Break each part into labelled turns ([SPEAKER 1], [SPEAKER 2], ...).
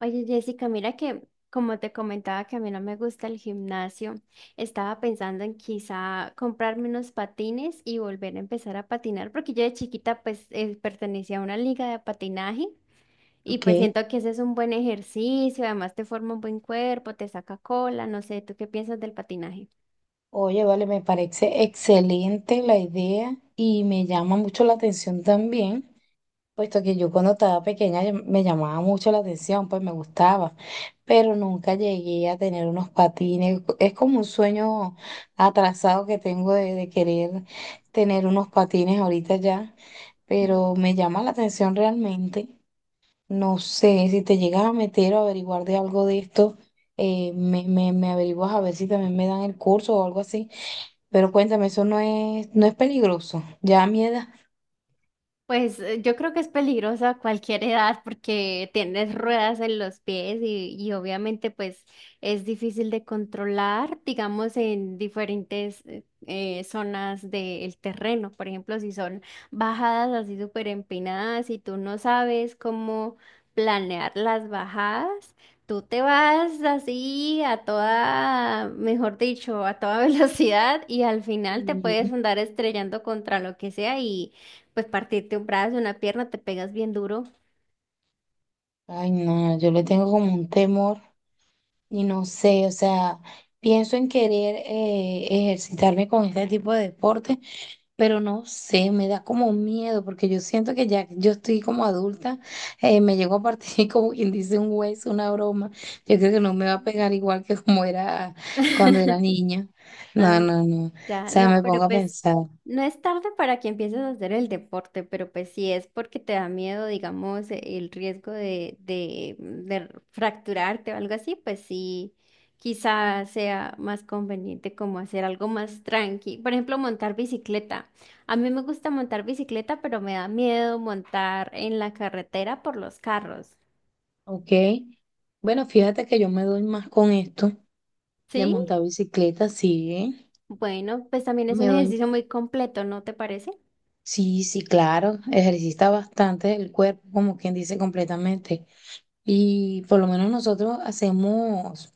[SPEAKER 1] Oye, Jessica, mira que como te comentaba que a mí no me gusta el gimnasio, estaba pensando en quizá comprarme unos patines y volver a empezar a patinar, porque yo de chiquita pues pertenecía a una liga de patinaje y pues
[SPEAKER 2] Ok.
[SPEAKER 1] siento que ese es un buen ejercicio, además te forma un buen cuerpo, te saca cola, no sé, ¿tú qué piensas del patinaje?
[SPEAKER 2] Oye, vale, me parece excelente la idea y me llama mucho la atención también, puesto que yo cuando estaba pequeña me llamaba mucho la atención, pues me gustaba, pero nunca llegué a tener unos patines. Es como un sueño atrasado que tengo de querer tener unos patines ahorita ya, pero me llama la atención realmente. No sé, si te llegas a meter o averiguar de algo de esto, me averiguas a ver si también me dan el curso o algo así. Pero cuéntame, eso no es peligroso. Ya a mi edad.
[SPEAKER 1] Pues yo creo que es peligrosa a cualquier edad porque tienes ruedas en los pies y obviamente pues es difícil de controlar, digamos, en diferentes zonas del terreno. Por ejemplo, si son bajadas así súper empinadas y tú no sabes cómo planear las bajadas, tú te vas así a toda, mejor dicho, a toda velocidad y al final te puedes
[SPEAKER 2] Y
[SPEAKER 1] andar estrellando contra lo que sea y... Pues partirte un brazo, una pierna, te pegas bien duro.
[SPEAKER 2] Ay, no, yo le tengo como un temor y no sé, o sea, pienso en querer ejercitarme con este tipo de deporte, pero no sé, me da como miedo porque yo siento que ya yo estoy como adulta, me llegó a partir como quien dice un hueso, una broma. Yo creo que no me va a pegar igual que como era cuando era niña. No,
[SPEAKER 1] Ah,
[SPEAKER 2] no, no. O
[SPEAKER 1] ya,
[SPEAKER 2] sea,
[SPEAKER 1] no,
[SPEAKER 2] me
[SPEAKER 1] pero
[SPEAKER 2] pongo a
[SPEAKER 1] pues
[SPEAKER 2] pensar,
[SPEAKER 1] no es tarde para que empieces a hacer el deporte, pero pues si es porque te da miedo, digamos, el riesgo de fracturarte o algo así, pues sí, quizás sea más conveniente como hacer algo más tranqui. Por ejemplo, montar bicicleta. A mí me gusta montar bicicleta, pero me da miedo montar en la carretera por los carros.
[SPEAKER 2] ¿ok? Bueno, fíjate que yo me doy más con esto de
[SPEAKER 1] ¿Sí?
[SPEAKER 2] montar bicicleta, sí, ¿eh?
[SPEAKER 1] Bueno, pues también es un
[SPEAKER 2] Me doy,
[SPEAKER 1] ejercicio muy completo, ¿no te parece?
[SPEAKER 2] sí, sí, claro, ejercita bastante el cuerpo, como quien dice completamente. Y por lo menos nosotros hacemos,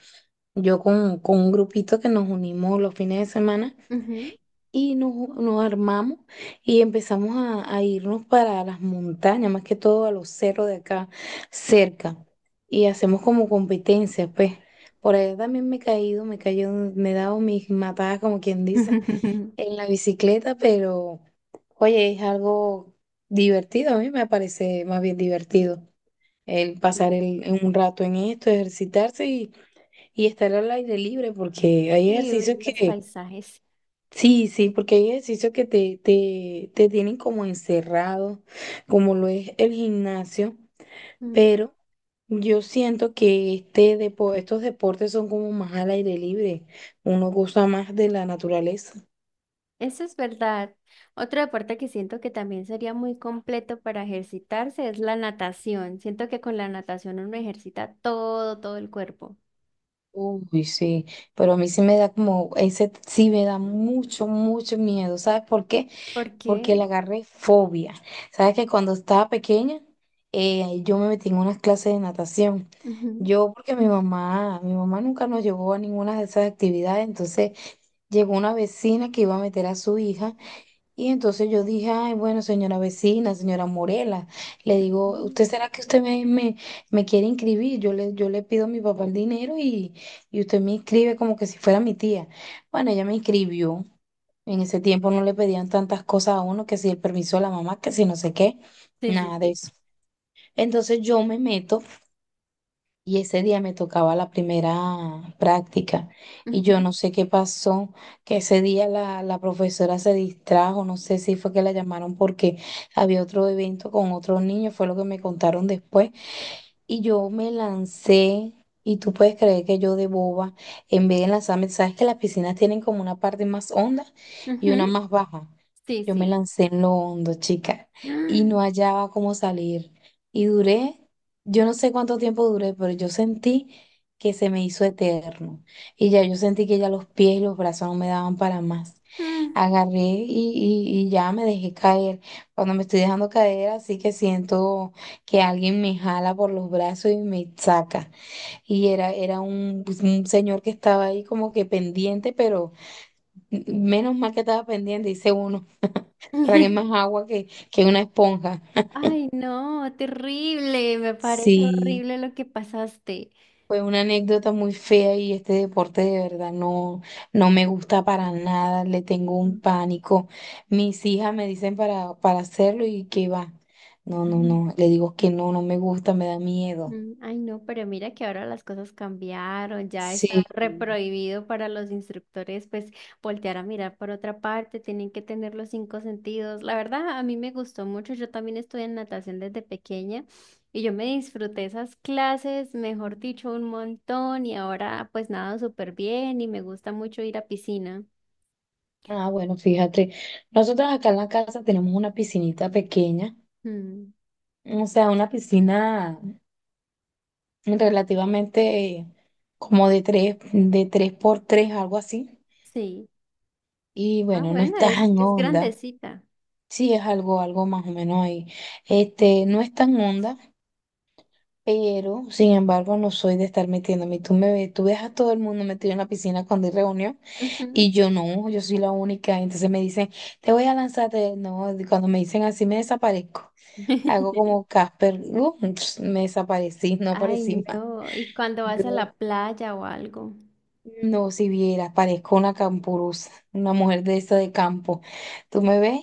[SPEAKER 2] yo con un grupito que nos unimos los fines de semana
[SPEAKER 1] Ujú.
[SPEAKER 2] y nos armamos y empezamos a irnos para las montañas, más que todo a los cerros de acá cerca. Y hacemos como competencias, pues. Por allá también me he caído, me he caído, me he dado mis matadas, como quien dice, en la bicicleta, pero oye, es algo divertido, a mí me parece más bien divertido el pasar el, un rato en esto, ejercitarse y estar al aire libre, porque hay
[SPEAKER 1] Sí, ver
[SPEAKER 2] ejercicios
[SPEAKER 1] los
[SPEAKER 2] que,
[SPEAKER 1] paisajes.
[SPEAKER 2] sí, sí, porque hay ejercicios que te tienen como encerrado, como lo es el gimnasio,
[SPEAKER 1] Mm,
[SPEAKER 2] pero yo siento que este estos deportes son como más al aire libre, uno goza más de la naturaleza.
[SPEAKER 1] eso es verdad. Otro deporte que siento que también sería muy completo para ejercitarse es la natación. Siento que con la natación uno ejercita todo, todo el cuerpo.
[SPEAKER 2] Uy, sí, pero a mí sí me da como, ese sí me da mucho, mucho miedo. ¿Sabes por qué?
[SPEAKER 1] ¿Por
[SPEAKER 2] Porque
[SPEAKER 1] qué?
[SPEAKER 2] le agarré fobia. Sabes que cuando estaba pequeña, yo me metí en unas clases de natación.
[SPEAKER 1] Ujú.
[SPEAKER 2] Yo, porque mi mamá nunca nos llevó a ninguna de esas actividades, entonces llegó una vecina que iba a meter a su hija y entonces yo dije, ay, bueno, señora vecina, señora Morela, le digo, ¿usted
[SPEAKER 1] Ujú.
[SPEAKER 2] será que usted me quiere inscribir? Yo le pido a mi papá el dinero y usted me inscribe como que si fuera mi tía. Bueno, ella me inscribió. En ese tiempo no le pedían tantas cosas a uno, que si el permiso de la mamá, que si no sé qué,
[SPEAKER 1] Sí, sí,
[SPEAKER 2] nada de
[SPEAKER 1] sí.
[SPEAKER 2] eso. Entonces yo me meto y ese día me tocaba la primera práctica y yo
[SPEAKER 1] Ujú.
[SPEAKER 2] no sé qué pasó, que ese día la profesora se distrajo, no sé si fue que la llamaron porque había otro evento con otros niños, fue lo que me contaron después. Y yo me lancé, y tú puedes creer que yo de boba, en vez de lanzarme, sabes que las piscinas tienen como una parte más honda y una
[SPEAKER 1] Ujú.
[SPEAKER 2] más baja.
[SPEAKER 1] Sí,
[SPEAKER 2] Yo me
[SPEAKER 1] sí.
[SPEAKER 2] lancé en lo hondo, chica, y no hallaba cómo salir. Y duré, yo no sé cuánto tiempo duré, pero yo sentí que se me hizo eterno. Y ya yo sentí que ya los pies y los brazos no me daban para más. Agarré y, y ya me dejé caer. Cuando me estoy dejando caer, así que siento que alguien me jala por los brazos y me saca. Y era un, pues, un señor que estaba ahí como que pendiente, pero menos mal que estaba pendiente, dice uno, tragué
[SPEAKER 1] Mm.
[SPEAKER 2] más agua que una esponja.
[SPEAKER 1] Ay, no, terrible, me parece
[SPEAKER 2] Sí,
[SPEAKER 1] horrible lo que pasaste.
[SPEAKER 2] fue una anécdota muy fea y este deporte de verdad no, no me gusta para nada, le tengo un
[SPEAKER 1] Mm,
[SPEAKER 2] pánico. Mis hijas me dicen para hacerlo y que va. No, no,
[SPEAKER 1] ujú,
[SPEAKER 2] no, le digo que no, no me gusta, me da miedo.
[SPEAKER 1] mm, ay, no, pero mira que ahora las cosas cambiaron, ya está
[SPEAKER 2] Sí.
[SPEAKER 1] reprohibido para los instructores, pues voltear a mirar por otra parte, tienen que tener los cinco sentidos. La verdad, a mí me gustó mucho, yo también estudié en natación desde pequeña y yo me disfruté esas clases, mejor dicho, un montón y ahora pues nado súper bien y me gusta mucho ir a piscina.
[SPEAKER 2] Ah, bueno, fíjate, nosotros acá en la casa tenemos una piscinita pequeña,
[SPEAKER 1] Mm,
[SPEAKER 2] o sea, una piscina relativamente como de tres por tres, algo así.
[SPEAKER 1] sí.
[SPEAKER 2] Y
[SPEAKER 1] Ah,
[SPEAKER 2] bueno, no es
[SPEAKER 1] bueno,
[SPEAKER 2] tan
[SPEAKER 1] es
[SPEAKER 2] honda,
[SPEAKER 1] grandecita.
[SPEAKER 2] sí es algo, algo más o menos ahí. Este, no es tan honda, pero sin embargo no soy de estar metiéndome. Y tú me ves, tú ves a todo el mundo metido en la piscina cuando hay reunión.
[SPEAKER 1] Ujú.
[SPEAKER 2] Y yo no, yo soy la única. Entonces me dicen, te voy a lanzar. No, y cuando me dicen así, me desaparezco. Hago como Casper, me desaparecí, no
[SPEAKER 1] Ay,
[SPEAKER 2] aparecí más.
[SPEAKER 1] no. ¿Y cuando vas a
[SPEAKER 2] No,
[SPEAKER 1] la playa o algo?
[SPEAKER 2] no, si vieras, parezco una campurusa, una mujer de esa de campo. Tú me ves,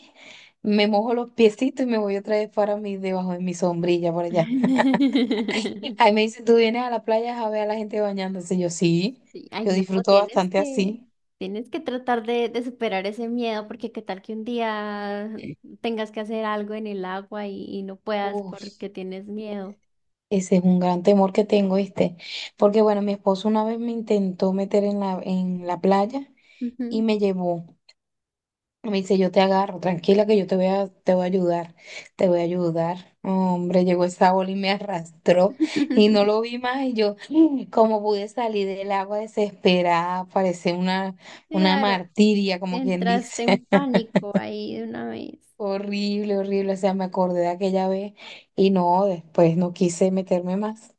[SPEAKER 2] me mojo los piecitos y me voy otra vez para mí, debajo de mi sombrilla por allá. Ahí me dicen, tú vienes a la playa a ver a la gente bañándose. Yo sí,
[SPEAKER 1] Sí, ay,
[SPEAKER 2] yo
[SPEAKER 1] no,
[SPEAKER 2] disfruto
[SPEAKER 1] tienes
[SPEAKER 2] bastante
[SPEAKER 1] que,
[SPEAKER 2] así.
[SPEAKER 1] tienes que tratar de superar ese miedo, porque qué tal que un día tengas que hacer algo en el agua y no puedas porque tienes miedo.
[SPEAKER 2] Ese es un gran temor que tengo, ¿viste? Porque bueno, mi esposo una vez me intentó meter en la playa y
[SPEAKER 1] Ujú.
[SPEAKER 2] me llevó. Me dice, yo te agarro, tranquila que yo te voy a ayudar, te voy a ayudar. Hombre, llegó esa ola y me arrastró y no lo vi más y yo, como pude salir del agua desesperada, parecía una
[SPEAKER 1] Claro,
[SPEAKER 2] martiria, como quien
[SPEAKER 1] entraste
[SPEAKER 2] dice.
[SPEAKER 1] en pánico ahí de una vez.
[SPEAKER 2] Horrible, horrible, o sea, me acordé de aquella vez y no, después no quise meterme más.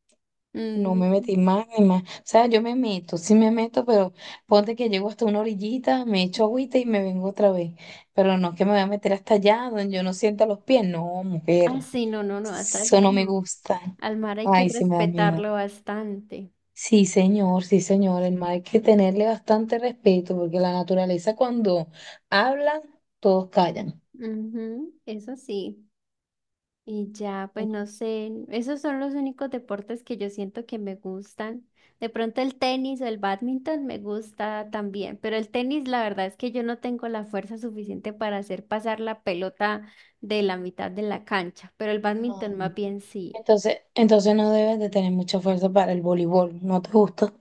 [SPEAKER 2] No me metí
[SPEAKER 1] Mm.
[SPEAKER 2] más ni más. O sea, yo me meto, sí me meto, pero ponte que llego hasta una orillita, me echo agüita y me vengo otra vez. Pero no es que me voy a meter hasta allá donde yo no sienta los pies. No,
[SPEAKER 1] Ah,
[SPEAKER 2] mujer,
[SPEAKER 1] sí, no, no, no, hasta
[SPEAKER 2] eso
[SPEAKER 1] allá
[SPEAKER 2] no me
[SPEAKER 1] no.
[SPEAKER 2] gusta.
[SPEAKER 1] Al mar hay que
[SPEAKER 2] Ay, sí me da miedo.
[SPEAKER 1] respetarlo bastante.
[SPEAKER 2] Sí, señor, sí, señor. El mar hay que tenerle bastante respeto porque la naturaleza cuando habla, todos callan.
[SPEAKER 1] Ujú, eso sí. Y ya, pues no sé, esos son los únicos deportes que yo siento que me gustan. De pronto el tenis o el bádminton me gusta también, pero el tenis la verdad es que yo no tengo la fuerza suficiente para hacer pasar la pelota de la mitad de la cancha, pero el
[SPEAKER 2] Ah.
[SPEAKER 1] bádminton más bien sí.
[SPEAKER 2] Entonces no debes de tener mucha fuerza para el voleibol. ¿No te gusta?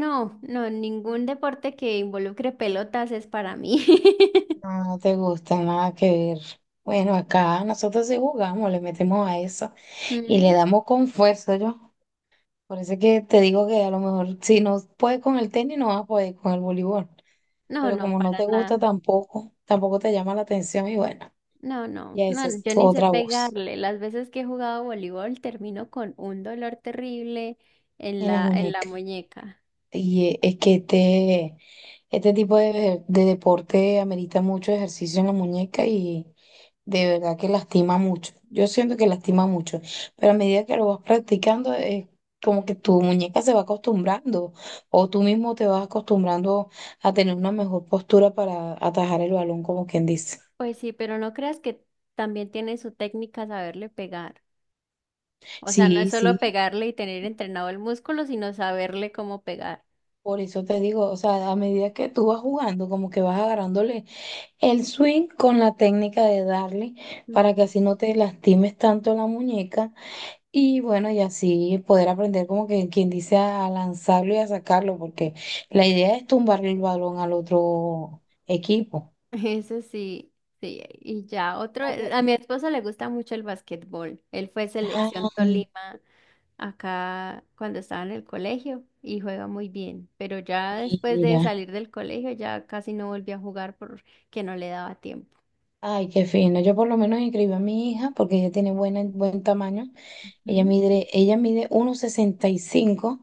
[SPEAKER 1] No, no, ningún deporte que involucre pelotas es para mí.
[SPEAKER 2] No, no te gusta, nada que ver. Bueno, acá nosotros sí jugamos, le metemos a eso y le
[SPEAKER 1] Mm,
[SPEAKER 2] damos con fuerza, yo. Por eso es que te digo que a lo mejor si no puedes con el tenis, no vas a poder con el voleibol.
[SPEAKER 1] no,
[SPEAKER 2] Pero
[SPEAKER 1] no,
[SPEAKER 2] como no
[SPEAKER 1] para
[SPEAKER 2] te gusta
[SPEAKER 1] nada.
[SPEAKER 2] tampoco, tampoco te llama la atención y bueno,
[SPEAKER 1] No, no,
[SPEAKER 2] ya esa
[SPEAKER 1] no,
[SPEAKER 2] es
[SPEAKER 1] yo
[SPEAKER 2] tu
[SPEAKER 1] ni sé
[SPEAKER 2] otra voz
[SPEAKER 1] pegarle. Las veces que he jugado voleibol termino con un dolor terrible
[SPEAKER 2] en las
[SPEAKER 1] en la
[SPEAKER 2] muñecas.
[SPEAKER 1] muñeca.
[SPEAKER 2] Y es que este tipo de deporte amerita mucho ejercicio en la muñeca y de verdad que lastima mucho. Yo siento que lastima mucho, pero a medida que lo vas practicando, es como que tu muñeca se va acostumbrando o tú mismo te vas acostumbrando a tener una mejor postura para atajar el balón, como quien dice.
[SPEAKER 1] Pues sí, pero no creas que también tiene su técnica saberle pegar. O sea, no es
[SPEAKER 2] Sí,
[SPEAKER 1] solo
[SPEAKER 2] sí,
[SPEAKER 1] pegarle y tener entrenado el músculo, sino saberle cómo pegar.
[SPEAKER 2] por eso te digo, o sea, a medida que tú vas jugando, como que vas agarrándole el swing con la técnica de darle
[SPEAKER 1] Ujú.
[SPEAKER 2] para que así no te lastimes tanto la muñeca y bueno, y así poder aprender como que quien dice a lanzarlo y a sacarlo, porque la idea es tumbarle el balón al otro equipo.
[SPEAKER 1] Eso sí, sí. Y ya otro,
[SPEAKER 2] Algo-
[SPEAKER 1] a mi esposo le gusta mucho el básquetbol. Él fue selección
[SPEAKER 2] Ah,
[SPEAKER 1] Tolima acá cuando estaba en el colegio y juega muy bien, pero ya después de
[SPEAKER 2] mira.
[SPEAKER 1] salir del colegio ya casi no volví a jugar porque no le daba tiempo.
[SPEAKER 2] Ay, qué fino. Yo por lo menos inscribí a mi hija porque ella tiene buena, buen tamaño. Ella
[SPEAKER 1] Mm,
[SPEAKER 2] mide, ella mide 1,65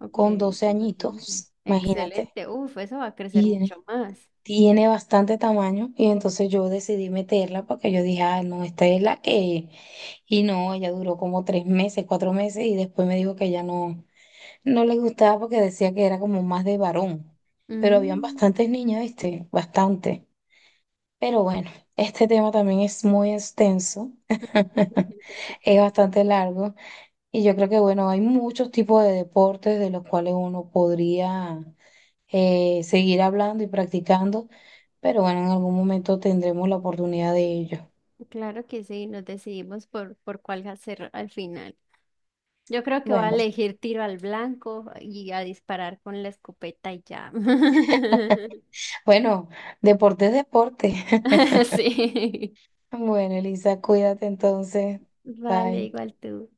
[SPEAKER 1] ok,
[SPEAKER 2] con 12
[SPEAKER 1] súper bien.
[SPEAKER 2] añitos, imagínate.
[SPEAKER 1] Excelente, uf, eso va a crecer
[SPEAKER 2] Y
[SPEAKER 1] mucho más.
[SPEAKER 2] tiene bastante tamaño y entonces yo decidí meterla porque yo dije, ah, no, esta es la que... Y no, ella duró como 3 meses, 4 meses y después me dijo que ya no le gustaba porque decía que era como más de varón. Pero habían
[SPEAKER 1] Mm,
[SPEAKER 2] bastantes niñas, ¿viste? Bastante. Pero bueno, este tema también es muy extenso, es bastante largo y yo creo que bueno, hay muchos tipos de deportes de los cuales uno podría seguir hablando y practicando, pero bueno, en algún momento tendremos la oportunidad de ello.
[SPEAKER 1] claro que sí, nos decidimos por cuál hacer al final. Yo creo que voy a
[SPEAKER 2] Bueno,
[SPEAKER 1] elegir tiro al blanco y a disparar con la escopeta y ya.
[SPEAKER 2] bueno, deporte es deporte.
[SPEAKER 1] Sí.
[SPEAKER 2] Bueno, Elisa, cuídate entonces.
[SPEAKER 1] Vale,
[SPEAKER 2] Bye.
[SPEAKER 1] igual tú.